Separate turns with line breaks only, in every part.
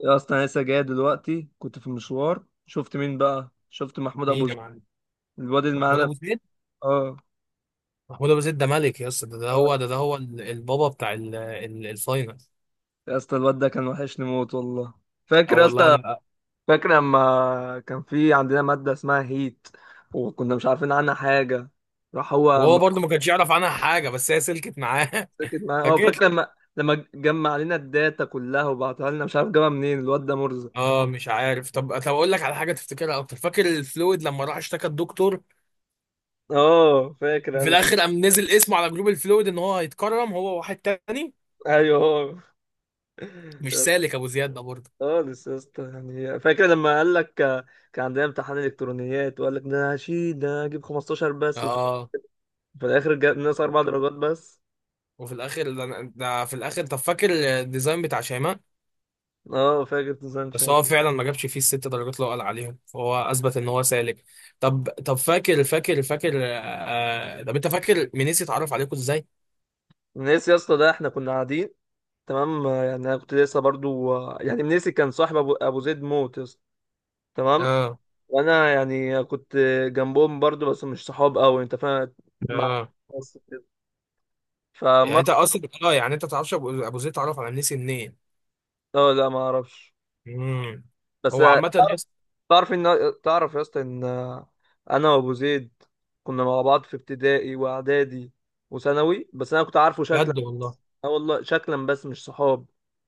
يا اصلا انا لسه جاي دلوقتي، كنت في مشوار. شفت مين بقى؟ شفت محمود ابو
مين يا
زيد.
معلم؟
الواد اللي
محمود
معانا.
ابو زيد.
اه.
محمود ابو زيد ده ملك يا اسطى، ده.
اه،
ده هو البابا بتاع الفاينل.
يا اسطى الواد ده كان وحشني موت والله.
اه
فاكر يا
والله
اسطى؟
انا.
فاكر لما كان في عندنا ماده اسمها هيت وكنا مش عارفين عنها حاجه؟ راح هو
وهو برضه ما كانش يعرف عنها حاجه، بس هي سلكت معاه.
ساكت معانا. اه،
فاكر.
فاكر لما جمع علينا الداتا كلها وبعتها لنا، مش عارف جابها منين، الواد ده مرزق.
اه، مش عارف. طب، اقول لك على حاجه تفتكرها اكتر؟ فاكر الفلويد لما راح اشتكى الدكتور،
اه فاكر
في
انا.
الاخر قام نزل اسمه على جروب الفلويد ان هو هيتكرم هو واحد تاني؟
ايوه هو.
مش سالك ابو زياد ده برضه؟
خالص يا اسطى. يعني فاكر لما قال لك، كان عندنا امتحان الكترونيات وقال لك ده أنا هشيل، ده أنا هجيب 15 بس،
اه.
في الاخر جاب ناقص اربع درجات بس.
وفي الاخر ده ده في الاخر، طب، فاكر الديزاين بتاع شيماء؟
اه فاكر. نظام
بس
شام.
هو فعلا ما جابش فيه الست درجات اللي هو قال عليهم، فهو اثبت ان هو سالك. طب طب فاكر فاكر فاكر آه طب انت فاكر منيسي اتعرف عليكم ازاي؟
نسي يا اسطى، ده احنا كنا قاعدين. تمام. يعني انا كنت لسه برضو، يعني منيسي كان صاحب ابو زيد موت يا اسطى. تمام.
اه.
وانا يعني كنت جنبهم برضو، بس مش صحاب قوي، انت فاهم، مع
اه
الناس كده.
يعني
فمر.
انت اصلا اه يعني انت ما تعرفش أبو زيد، اتعرف على منيسي منين؟
اه، لا ما اعرفش.
امم
بس
هو عامة يس.
تعرف ان، تعرف يا اسطى ان انا وابو زيد كنا مع بعض في ابتدائي واعدادي وثانوي، بس انا كنت عارفه شكلا.
بجد والله؟
اه والله، شكلا بس مش صحاب،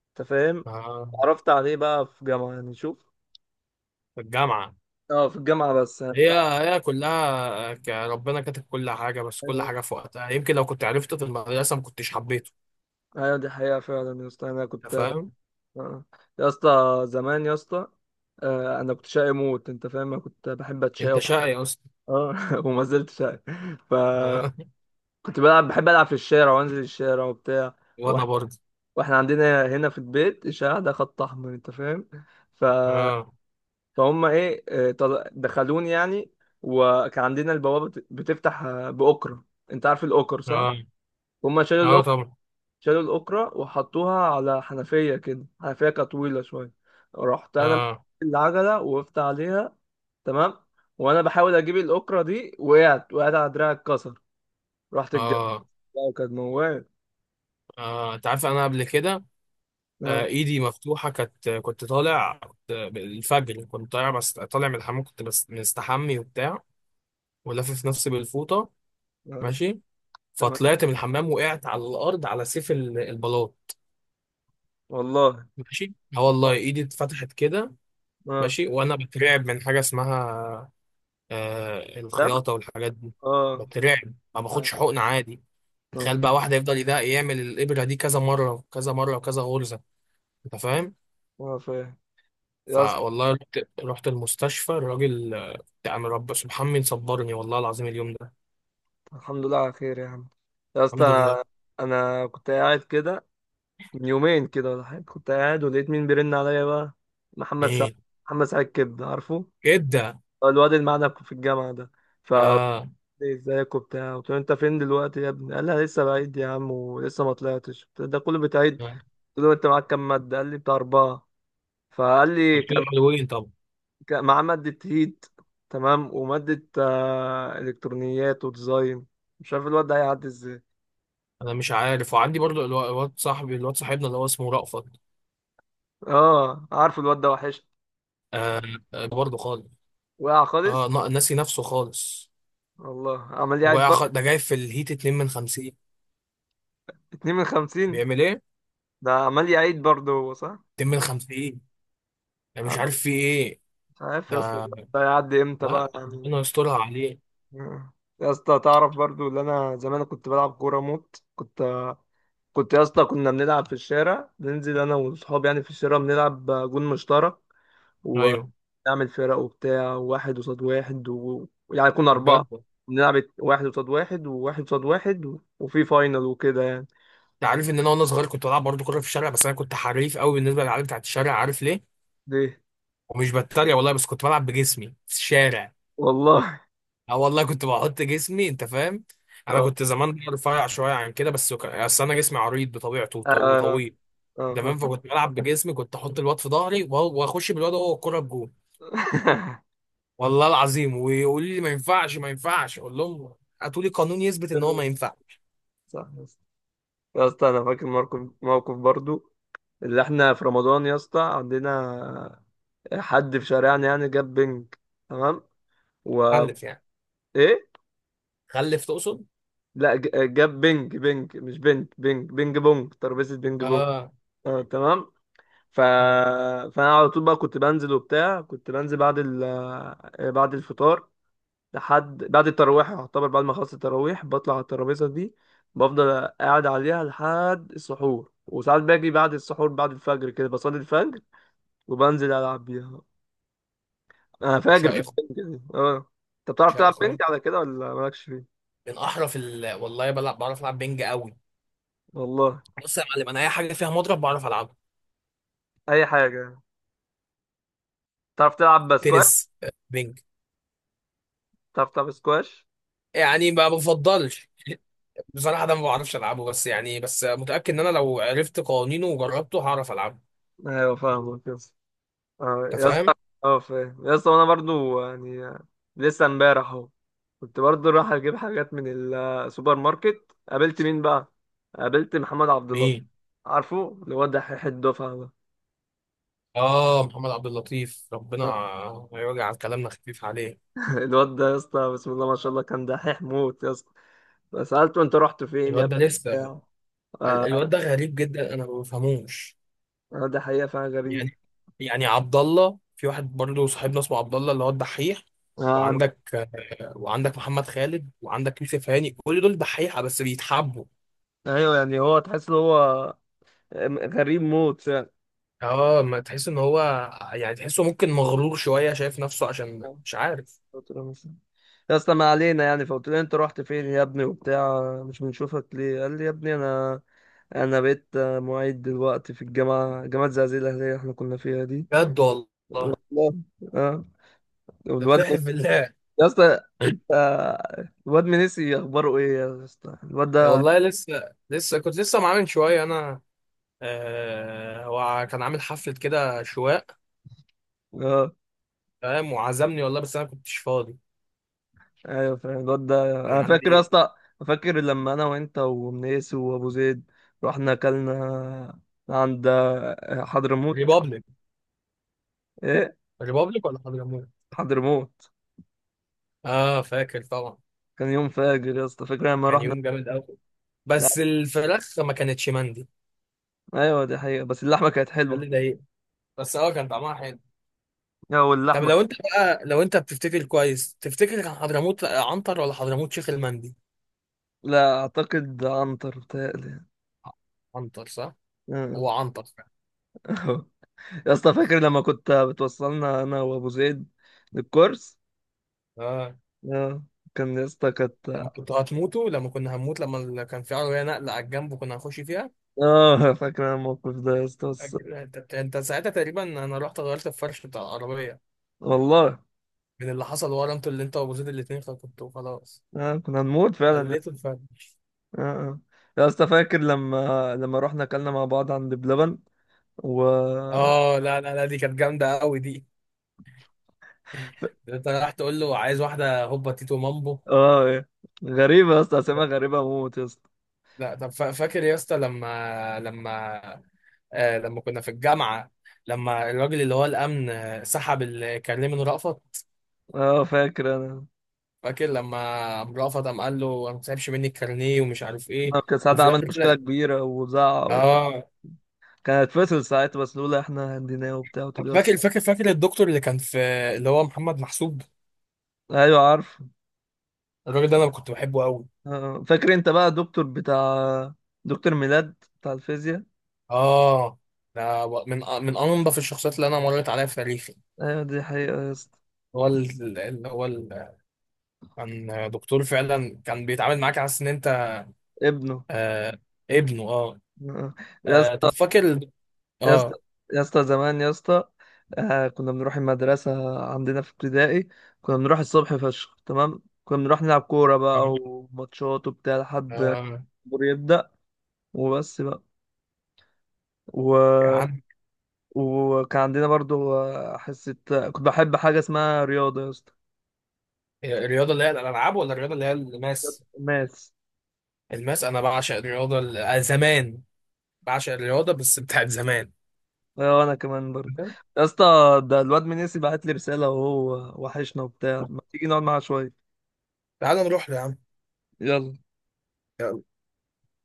انت فاهم.
آه
عرفت عليه بقى في جامعة، يعني شوف.
في الجامعة.
اه، في الجامعة بس يعني
هي
بتاع.
هي كلها ربنا كاتب كل حاجة، بس كل
ايوه.
حاجة في وقتها. يمكن لو كنت عرفته في المدرسة ما كنتش حبيته.
أيوة، دي حقيقة فعلا يا اسطى، انا
انت
كنت.
فاهم؟
آه. يا اسطى زمان يا اسطى، انا كنت شقي موت، انت فاهم. انا كنت بحب اتشقى
انت شقي اصلا.
اه، وما زلت شقي.
آه.
فكنت بلعب، بحب العب في الشارع وانزل الشارع وبتاع،
وانا برضه.
واحنا عندنا هنا في البيت الشارع ده خط احمر، انت فاهم. ف...
اه
فهم ايه، دخلوني يعني. وكان عندنا البوابه بتفتح باكره. انت عارف الاكر صح؟
اه
هم
اه، طبعا.
شالوا الاكره وحطوها على حنفيه كده، حنفيه كانت طويله شويه. رحت انا،
اه
العجله وقفت عليها، تمام، وانا بحاول اجيب الاكره دي وقعت، وقعت على دراعي اتكسر. رحت الجنة.
اه
بقى كانت موال.
اه، انت عارف انا قبل كده.
اه.
ايدي مفتوحه كانت. كنت طالع كنت الفجر كنت طالع. بس طالع من الحمام، كنت بس مستحمي وبتاع، ولافف نفسي بالفوطه.
اه،
ماشي.
تمام
فطلعت من الحمام، وقعت على الارض على سيف البلاط.
والله.
ماشي. اه والله
اه.
ايدي اتفتحت كده.
آه،
ماشي. وانا بترعب من حاجه اسمها،
تمام.
الخياطه والحاجات دي.
اه.
بترعب، ما باخدش حقن عادي. تخيل
اه.
بقى واحد يفضل يعمل الابره دي كذا مره وكذا مره وكذا غرزه. انت فاهم.
اه فاهم يا اسطى.
فوالله رحت. رحت المستشفى. الراجل، يعني، رب سبحان صبرني والله العظيم اليوم ده.
الحمد لله على خير يا عم. يا اسطى
الحمد لله.
انا كنت قاعد كده من يومين كده ولا حاجه، كنت قاعد ولقيت مين بيرن عليا بقى؟ محمد سعد.
ايه
محمد سعد، كبده عارفه.
كده؟
هو الواد اللي معانا في الجامعه ده. ف،
اه.
ازيك وبتاع، قلت له انت فين دلوقتي يا ابني؟ قال لي أنا لسه بعيد يا عم ولسه ما طلعتش. قلت له ده كله بتعيد؟
آه.
قلت له انت معاك كام ماده؟ قال لي بتاع اربعه. فقال لي
قلت له
كان
حلوين، طب.
مع مادة هيت، تمام، ومادة إلكترونيات وديزاين. مش عارف الواد ده هيعدي ازاي.
انا مش عارف. وعندي برضو، الواد صاحبنا اللي هو اسمه رأفت.
اه عارف، الواد ده وحش،
آه. آه، برضو خالص.
وقع
اه،
خالص.
ناسي نفسه خالص.
والله عمال يعيد
وقع
برضه.
ده جاي في الهيت 2 من 50.
اتنين من خمسين.
بيعمل ايه؟
ده عمال يعيد برضه هو، صح.
2 من 50. انا مش
عم-
عارف فيه ايه
مش عارف
ده.
يا اسطى. ده هيعدي امتى بقى
لا، ربنا
يعني؟
يسترها عليه.
آه. يا اسطى تعرف برضه اللي انا زمان كنت بلعب كورة موت؟ كنت يا اسطى، كنا بنلعب في الشارع، ننزل انا واصحابي يعني في الشارع بنلعب جون مشترك،
ايوه.
ونعمل فرق وبتاع، واحد قصاد واحد يعني كنا أربعة
بجد؟
نلعب واحد قصاد واحد وواحد قصاد واحد وفي فاينل وكده يعني.
انت عارف ان انا وانا صغير كنت بلعب برضه كوره في الشارع، بس انا كنت حريف قوي بالنسبه للعيال بتاعت الشارع. عارف ليه؟
ليه؟
ومش بتريق والله، بس كنت بلعب بجسمي في الشارع.
والله.
اه والله، كنت بحط جسمي، انت فاهم. انا
اه.
كنت زمان رفيع شويه عن كده، بس اصل انا جسمي عريض بطبيعته
اه.
وطويل.
آه،
انت
خ-
فاهم. فكنت بلعب بجسمي، كنت احط الواد في ظهري واخش بالواد هو الكوره بجول. والله العظيم. ويقول لي ما ينفعش، ما ينفعش، اقول لهم هاتوا لي قانون يثبت ان هو ما
تمام.
ينفع.
صح يا اسطى. يا اسطى انا فاكر موقف، موقف برضو اللي احنا في رمضان يا اسطى، عندنا حد في شارعنا يعني جاب بنج. تمام. و،
خلف يعني؟
ايه،
خلف تقصد؟
لا جاب بنج، بنج مش بنت. بنج بنج بونج، ترابيزة بنج بونج.
اه.
اه تمام. ف...
اه.
فانا على طول بقى كنت بنزل وبتاع، كنت بنزل بعد ال... آه، بعد الفطار لحد بعد التراويح، يعتبر بعد ما خلصت التراويح بطلع على الترابيزه دي، بفضل قاعد عليها لحد السحور، وساعات باجي بعد السحور بعد الفجر كده، بصلي الفجر وبنزل العب بيها. انا فاجر في
شيخ.
البنج دي اه. انت بتعرف تلعب
شيخ.
بنج على كده ولا مالكش فيه؟
من احرف والله، بعرف العب بينج قوي.
والله.
بص يا معلم، انا اي حاجه فيها مضرب بعرف العبه.
اي حاجه. تعرف تلعب بسكواش؟
تنس، بينج.
تعرف تلعب سكواش؟
يعني ما بفضلش. بصراحه، ده ما بعرفش العبه، بس، متاكد ان انا لو عرفت قوانينه وجربته هعرف العبه.
ايوه فاهمك. اه
انت
يا اسطى.
فاهم.
اه فاهم يا اسطى. انا برضو يعني، لسه امبارح اهو، كنت برضو رايح اجيب حاجات من السوبر ماركت. قابلت مين بقى؟ قابلت محمد عبد الله.
مين؟
عارفه الواد دحيح الدفعه ده.
اه، محمد عبد اللطيف، ربنا يوجع كلامنا خفيف عليه.
الواد ده يا اسطى، بسم الله ما شاء الله، كان دحيح موت يا اسطى. فسالته انت رحت فين يا
الواد ده
ابني؟
لسه.
بتاع. آه.
الواد ده غريب جدا، انا ما بفهموش.
ده حقيقه فعلا غريب.
يعني، عبد الله، في واحد برضه صاحبنا اسمه عبد الله اللي هو الدحيح.
عارف.
وعندك. وعندك محمد خالد، وعندك يوسف هاني، كل دول دحيحه بس بيتحبوا.
ايوه يعني هو، تحس ان هو غريب موت فعلا.
اه، ما تحس ان هو، يعني تحسه ممكن مغرور شويه، شايف نفسه، عشان مش عارف.
قلت له مش، يا اسطى ما علينا يعني. فقلت له انت رحت فين يا ابني وبتاع، مش بنشوفك ليه؟ قال لي يا ابني انا بقيت معيد دلوقتي في جامعه زعزع الاهليه احنا كنا فيها دي.
بجد والله؟
لا. اه.
أنت
والواد
بتحلف بالله؟
يا اسطى انت. الواد من نسي، اخباره ايه يا اسطى الواد
آه،
ده؟
والله لسه لسه كنت لسه معاه من شويه، انا. هو كان عامل حفله كده شواء،
اه.
فاهم، وعزمني والله، بس انا كنتش فاضي.
ايوه فاهم الواد ده. انا
كان
فاكر يا
عندي.
اسطى، فاكر لما انا وانت ومنيس وابو زيد رحنا اكلنا عند حضرموت.
ريبابليك.
ايه.
ريبابليك ولا حضرموت؟
حضرموت.
اه، فاكر طبعا.
كان يوم فاجر يا اسطى، فاكر لما
كان
رحنا؟
يوم جامد قوي.
لا.
بس الفراخ ما كانتش مندي.
ايوه دي حقيقة، بس اللحمة كانت
ده
حلوة.
اللي ضايقني. بس اه، كان طعمها حلو.
يا
طب،
واللحمة.
لو انت بقى، لو انت بتفتكر كويس، تفتكر كان حضرموت عنتر ولا حضرموت شيخ المندي؟
لا، اعتقد عنتر بتهيألي.
عنتر صح؟ هو
آه.
عنتر فعلا.
يا اسطى فاكر لما كنت بتوصلنا انا وابو زيد للكورس؟
اه،
آه. كان يا اسطى
لما
كانت.
كنت هتموتوا لما كنا هنموت، لما كان في عربيه نقله على الجنب وكنا هنخش فيها.
اه فاكر أنا الموقف ده يا اسطى، بس
انت ساعتها تقريبا، انا رحت غيرت الفرش بتاع العربيه
والله.
من اللي حصل ورا. انتوا، اللي انت وابو زيد الاثنين، كنتوا خلاص.
آه. كنا هنموت فعلا يا
خليته
اسطى.
الفرش.
آه. آه. يا اسطى فاكر لما رحنا اكلنا مع بعض عند بلبن و.
اه، لا لا لا، دي كانت جامده قوي دي. انت راح تقول له عايز واحده هوبا تيتو مامبو.
اه إيه. غريبة يا اسطى، اسامي غريبة موت يا اسطى.
لا، طب فاكر يا اسطى، لما كنا في الجامعة، لما الراجل اللي هو الأمن سحب الكارنيه من رأفت؟
اه فاكر انا.
فاكر لما قام رأفت قام قال له ما تسحبش مني الكارنيه ومش عارف ايه؟
ما كان ساعتها
وفي
عمل
الآخر
مشكله
كده،
كبيره وزعق و.
اه.
كان هيتفصل ساعتها، بس لولا احنا هنديناه وبتاع. وتقول يا اسطى.
فاكر الدكتور اللي كان في، اللي هو محمد محسوب.
ايوه عارف.
الراجل ده أنا كنت بحبه قوي.
آه. اه فاكر انت بقى الدكتور بتاع، دكتور ميلاد بتاع الفيزياء.
اه. ده من أنظف الشخصيات اللي أنا مريت عليها في تاريخي.
ايوه دي حقيقه يا اسطى.
هو كان دكتور فعلا، كان بيتعامل معاك على أساس إن أنت
ابنه.
آه، ابنه. اه.
آه. اه. يا
آه، طب
اسطى.
فاكر.
يا اسطى،
اه.
زمان يا اسطى، كنا بنروح المدرسه عندنا في ابتدائي، كنا بنروح الصبح فشخ، تمام. كنا بنروح نلعب كوره بقى
يعني،
وماتشات وبتاع لحد
آه.
الجمهور يبدأ، وبس بقى. و.
يا عم.
وكان عندنا برضو، حصة، كنت بحب حاجة اسمها رياضة يا اسطى.
الرياضة اللي هي الألعاب ولا الرياضة اللي هي الماس؟
ماس.
الماس. أنا بعشق الرياضة زمان. بعشق الرياضة بس بتاعت زمان.
وانا كمان برضو.
تمام؟
يا اسطى، ده الواد منيسي بعت لي رسالة وهو وحشنا وبتاع، ما تيجي نقعد معاه شوية؟
تعال نروح له يا عم.
يلا.